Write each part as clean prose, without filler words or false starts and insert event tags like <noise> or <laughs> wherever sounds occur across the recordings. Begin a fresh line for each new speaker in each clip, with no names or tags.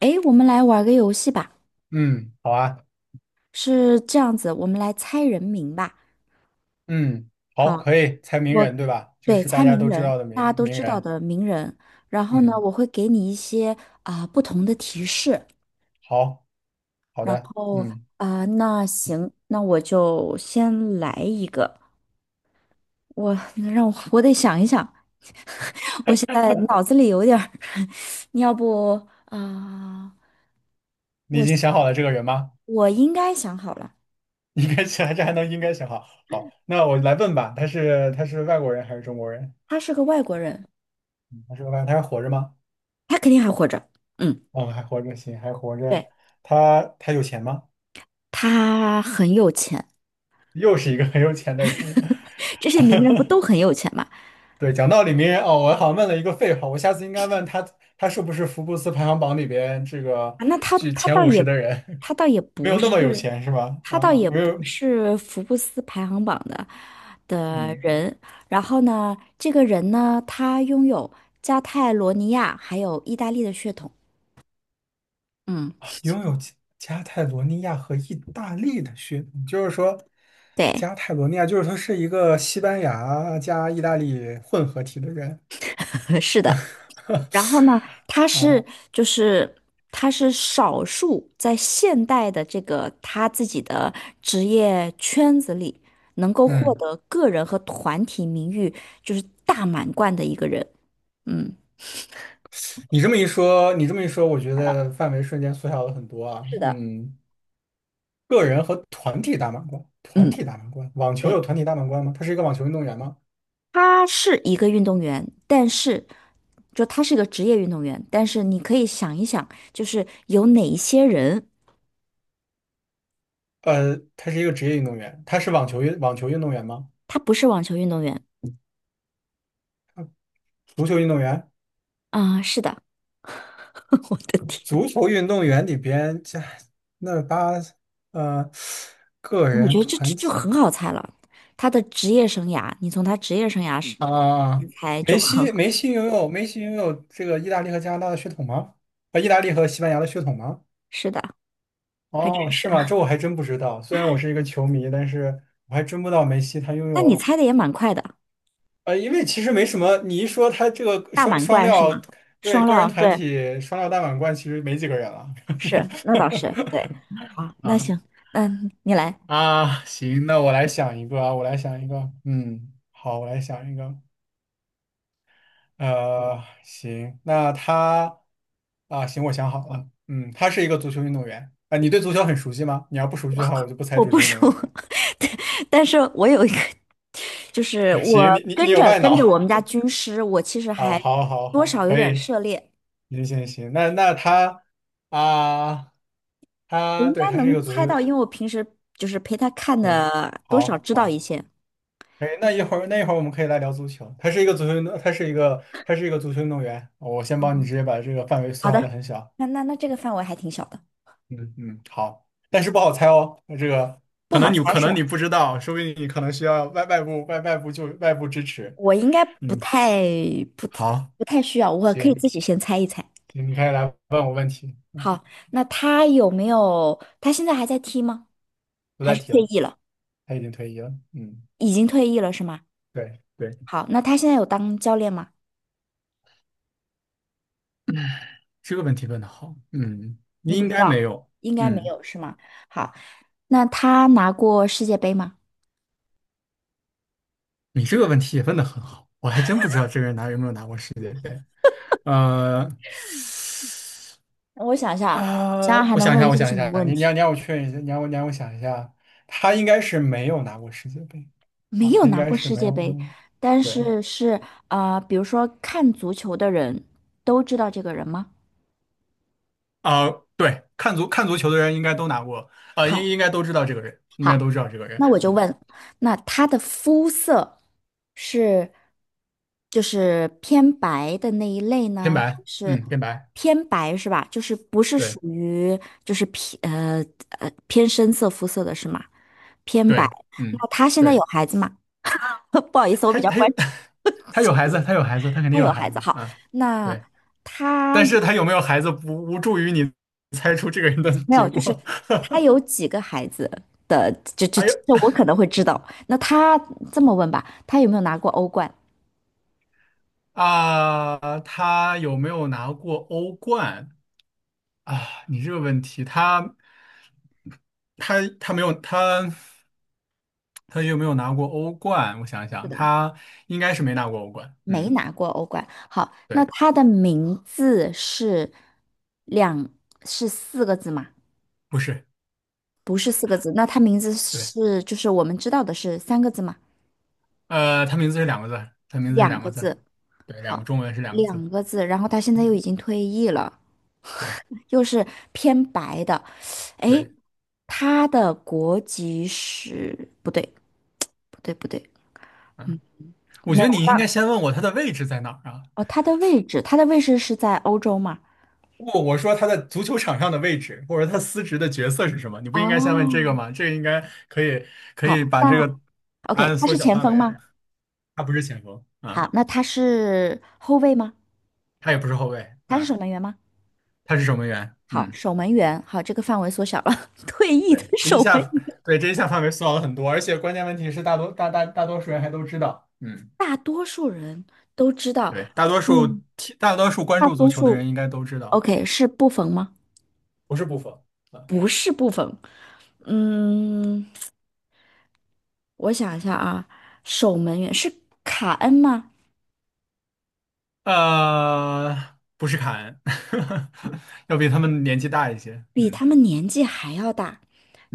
诶，我们来玩个游戏吧，
嗯，好啊，
是这样子，我们来猜人名吧。
嗯，好，
好，
可以猜名人，
我
对吧？就
对
是大
猜
家
名
都知
人，
道的
大家
名
都
名
知道
人。
的名人。然后呢，
嗯，
我会给你一些不同的提示。
好，好的，
哦
嗯，
那行，那我就先来一个。我让我得想一想，我现在脑子里有点儿，<laughs> 你要不
你已经
我
想好了这个人吗？
我应该想好了，
<laughs> 应该想，这还能应该想好。好，那我来问吧，他是外国人还是中国人？
他是个外国人，
他是个外，他还活着吗？
他肯定还活着。嗯，
哦，还活着，行，还活着。
对。
他有钱吗？
他很有钱，
又是一个很有钱的人。<laughs>
这些名人不都很有钱吗？
对，讲道理，名人哦，我好像问了一个废话，我下次应该问他，他是不是福布斯排行榜里边这个
啊，那
居
他
前
倒
五
也
十的人？
他倒也
没
不
有那么有
是，
钱是吧？
他
啊，
倒也
没
不
有，
是福布斯排行榜的
嗯，
人。然后呢，这个人呢，他拥有加泰罗尼亚还有意大利的血统。嗯，
拥有加泰罗尼亚和意大利的血统，就是说，
对，
加泰罗尼亚就是说是一个西班牙加意大利混合体的人。
<laughs> 是的。然后呢，
<laughs>
他
啊，
是就是他是少数在现代的这个他自己的职业圈子里能够获
嗯，
得个人和团体名誉就是大满贯的一个人。嗯，
你这么一说，我觉
来了，
得范围瞬间缩小了很多啊。
是的，
嗯，个人和团体大满贯，
嗯，
网球有
对，
团体大满贯吗？他是一个网球运动员吗？
他是一个运动员，但是就他是一个职业运动员，但是你可以想一想，就是有哪一些人
他是一个职业运动员，他是网球运动员吗？
他不是网球运动员
足球运动员？
啊？是的，<laughs> 我的天。
足球运动员里边，这那八呃个
我觉
人
得这
团
就
体
很好猜了。他的职业生涯，你从他职业生涯是
啊，
猜就
梅
很，
西梅西拥有梅西拥有这个意大利和加拿大的血统吗？啊，意大利和西班牙的血统吗？
是的，还真
哦，
是。
是吗？这我还真不知道。虽然我是一个球迷，但是我还真不知道梅西他拥
但你
有
猜的也蛮快的，
因为其实没什么。你一说他这个
大
双
满
双
贯是吗？
料，对
双
个人
料，
团
对，
体双料大满贯，其实没几个人了
是，那倒是，对。
<laughs>
好，那
啊。
行，嗯，你来，
啊，行，那我来想一个啊，我来想一个，嗯，好，我来想一个，呃，行，那他啊，行，我想好了，嗯，他是一个足球运动员啊，你对足球很熟悉吗？你要不熟悉的话，我就不猜
我
足
不
球运动
输，
员。
<laughs> 但是我有一个，就是
<laughs>
我
行，你有外
跟着
脑
我们家军师，我其实
<laughs> 啊，
还
好，好，
多
好，
少有
可
点
以，
涉猎，
行行行，那他啊，
我
他
应
对，
该
他是一
能
个足
猜
球，
到，
他
因为我平时就是陪他看
行，
的，多少
好
知道一
好。
些。
哎，那一会儿我们可以来聊足球。他是一个足球运动员。我先帮你直接把这个范围缩
好
小的
的，
很小。
那那这个范围还挺小的，
嗯嗯，好，但是不好猜哦。那这个
不
可
好
能你
猜
可
是吧？
能你不知道，说不定你可能需要外部支持。
我应该
嗯，
不太
好，
不太需要，我可以自
行
己先猜一猜。
行，你可以来问我问题，
好，那他有没有？他现在还在踢吗？
不
还
再
是
提
退
了，
役了？
他已经退役了。嗯，
已经退役了是吗？
对对，
好，那他现在有当教练吗？
这个问题问的好。嗯，你
你不
应
知
该没
道，
有。
应该没
嗯，
有是吗？好，那他拿过世界杯吗？
你这个问题也问的很好，我还真不知道这个人有没有拿过世界杯。呃，
我想想，想想还
我
能
想一
问
下，我
些
想
什
一
么
下，
问
你你让
题？
你让我确认一下，你让我想一下，他应该是没有拿过世界杯
没
啊，
有
他应
拿
该
过
是
世
没
界
有拿
杯，
过，
但
对，
是是呃，比如说看足球的人都知道这个人吗？
啊、对，看足球的人应该都拿过，应
好，
应该都知道这个人，
好，那我就问，那他的肤色是就是偏白的那一类
天
呢，还
白，
是
嗯，天白，
偏白是吧？就是不是属
对
于就是偏偏深色肤色的是吗？偏白。
对，嗯，
那他现在有
对，
孩子吗？<laughs> 不好意思，我
他
比
他
较
他
关
有
注
<laughs> 他有孩子，他肯
他
定有
有
孩
孩子。
子
好，
啊，
那。
对，
他。
但是他有没有孩子不无助于你猜出这个人的
没有，
结
就是
果。
他有几个孩子，这
<laughs>
这
还有。
这这我可能会知道。那他这么问吧，他有没有拿过欧冠？
啊，他有没有拿过欧冠啊？你这个问题，他他没有他他有没有拿过欧冠？我想一
是
想，
的，
他应该是没拿过欧冠。
没
嗯，
拿过欧冠。好，那
对，
他的名字是两是四个字吗？
不是，
不是四个字，那他名字
对，
是就是我们知道的是三个字吗？
他名字是两个字，
两个字。
对，两个
好，
中文是两个字。
两个字。然后他现在又
嗯
已经退役了。
对
又是偏白的，诶，
对，
他的国籍是不对，不对，嗯，
嗯，我
没
觉
有，
得
我
你应该
刚
先问我他的位置在哪儿啊？
哦，他的位置是在欧洲吗？
不，我说他在足球场上的位置，或者他司职的角色是什么？你不应该先问这个
哦，
吗？这个应该可以可以
好，
把这个
那
答
OK,
案
他
缩
是
小
前
范
锋
围
吗？
啊。他不是前锋啊，
好，那他是后卫吗？
他也不是后卫
他是
啊，
守门员吗？
他是守门员。
好，
嗯，
守门员，好，这个范围缩小了，<laughs> 退役的
对，这一
守
下
门员，
对这一下范围缩小了很多，而且关键问题是大多数人还都知道。嗯，
大多数人都知道，
对，大多数
嗯，
踢大多数关
大
注足
多
球的
数
人应该都知道，
OK 是布冯吗？
不是布冯啊，
不是部分，嗯，我想一下啊，守门员是卡恩吗？
不是凯恩，<laughs> 要比他们年纪大一些。
比
嗯
他们年纪还要大，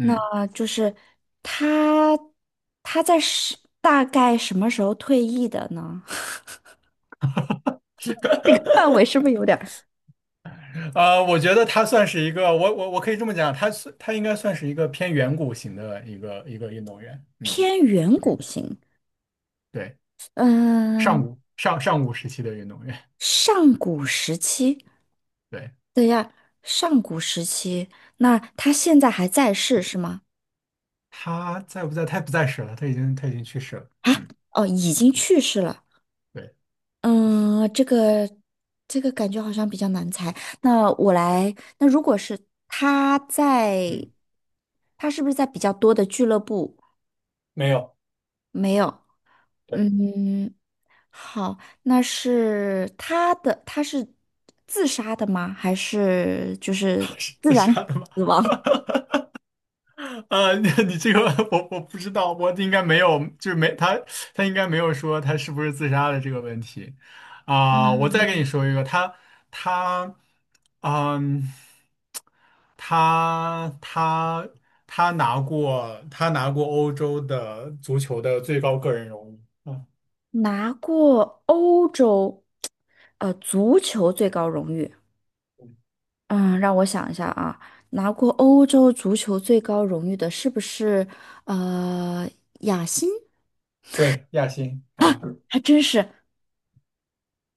那就是他，他在是大概什么时候退役的呢？<laughs>
<laughs>
范围是不是有点儿
我觉得他算是一个，我可以这么讲，他算它应该算是一个偏远古型的一个运动员。嗯
偏远
嗯，
古型？
对，上
嗯，
古上上古时期的运动员。
上古时期，
对，
上古时期，那他现在还在世是吗？
他在不在？他不在世了，他已经去世了。嗯，
哦，已经去世了。
对，
嗯，这个感觉好像比较难猜。那我来，那如果是他在，
嗯，
他是不是在比较多的俱乐部？
没有，
没有。
对，
嗯，好，那是他的，他是自杀的吗？还是就是
他是
自
自
然
杀的吗？
死亡？
<laughs> <laughs> 你 <laughs> 你这个 <laughs> 我不知道，我应该没有，就是没他他应该没有说他是不是自杀的这个问题我再跟你说一个，他嗯，他他他拿过欧洲的足球的最高个人荣誉。啊，
<laughs> 拿过欧洲足球最高荣誉。嗯，让我想一下啊，拿过欧洲足球最高荣誉的是不是呃雅辛？
对，亚新啊，
还真是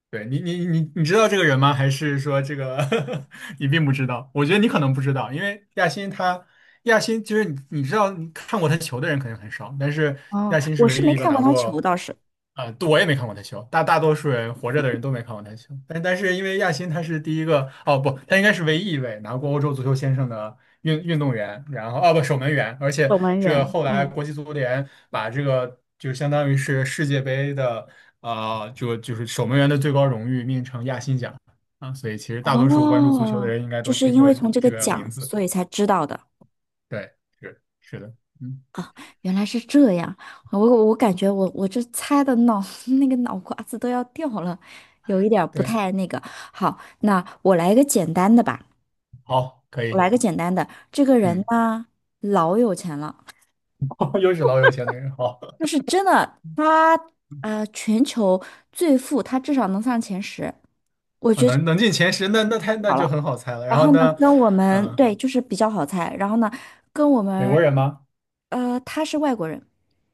对你知道这个人吗？还是说这个 <laughs> 你并不知道？我觉得你可能不知道，因为亚新他。亚新其实你知道，你看过他球的人肯定很少，但是
哦，
亚新是
我是
唯
没
一一个
看过
拿
他球，
过，
倒是
对我也没看过他球，大多数人活着的人都没看过他球，但是因为亚新他是第一个，哦不，他应该是唯一一位拿过欧洲足球先生的运动员，然后哦不守门员，而且
守门
这个
员。
后来
嗯，
国际足联把这个就相当于是世界杯的就是守门员的最高荣誉命名成亚新奖啊，所以其实大多数关注足球的
哦，
人应该
就
都
是
听
因
过
为从这个
这个名
奖，
字。
所以才知道的，
对，是是的，嗯，
原来是这样。我我感觉我这猜的脑 <laughs> 那个脑瓜子都要掉了，有一点儿不
对，
太那个。好，那我来一个简单的吧，
好，可
我
以，
来个简单的。这个人
嗯，
呢，老有钱了。
<laughs> 又是老有钱的人，好，
就是真的，他呃，全球最富，他至少能上前十，我
啊，
觉得就
能
很
能进前10，那
好
就
了。
很好猜了。然
然
后
后呢，
呢，
跟我们
嗯、
对，就是比较好猜。然后呢，跟我
美
们
国人吗？
呃，他是外国人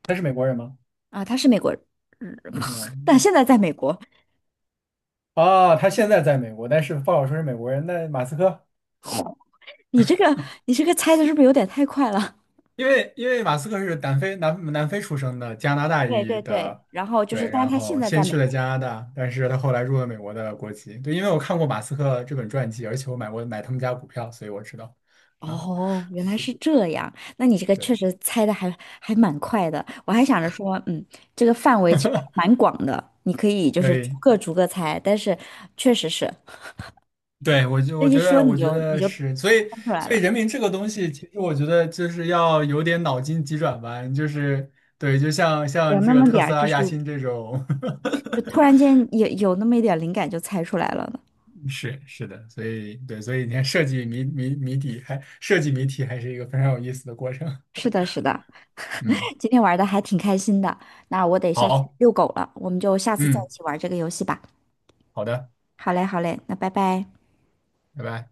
他是美国人吗？
啊，他是美国人，<laughs> 但
嗯，
现在在美国。
啊，他现在在美国，但是不好说是美国人。那马斯克，
你这个你这个猜的是不是有点太快了？
因为马斯克是南非出生的，加拿大
对
裔
对对，
的，
然后就
对，
是，但是
然
他现
后
在
先
在美。
去了加拿大，但是他后来入了美国的国籍。对，因为我看过马斯克这本传记，而且我买过他们家股票，所以我知道。啊，
哦，原来是这样。那你这个
对，
确实猜的还还蛮快的。我还想着说，嗯，这个范围其实还蛮广的，你可以就
可
是
以。
逐个猜。但是确实是
对，我就
这
我
一
觉
说
得，我觉
你
得
就猜
是，所以，
出来
所以
了，
人民这个东西，其实我觉得就是要有点脑筋急转弯，就是对，就像
有
像
那
这个
么
特
点
斯
儿就
拉、亚
是
新这种，
就突然间有那么一点儿灵感就猜出来了呢。
<laughs> 是是的，所以对，所以你看设计谜底还设计谜题还是一个非常有意思的过程。
是的，是的，
嗯，
<laughs> 今天玩的还挺开心的。那我得下去
好，
遛狗了，我们就下次再一
嗯，
起玩这个游戏吧。
好的，
好嘞，好嘞，那拜拜。
拜拜。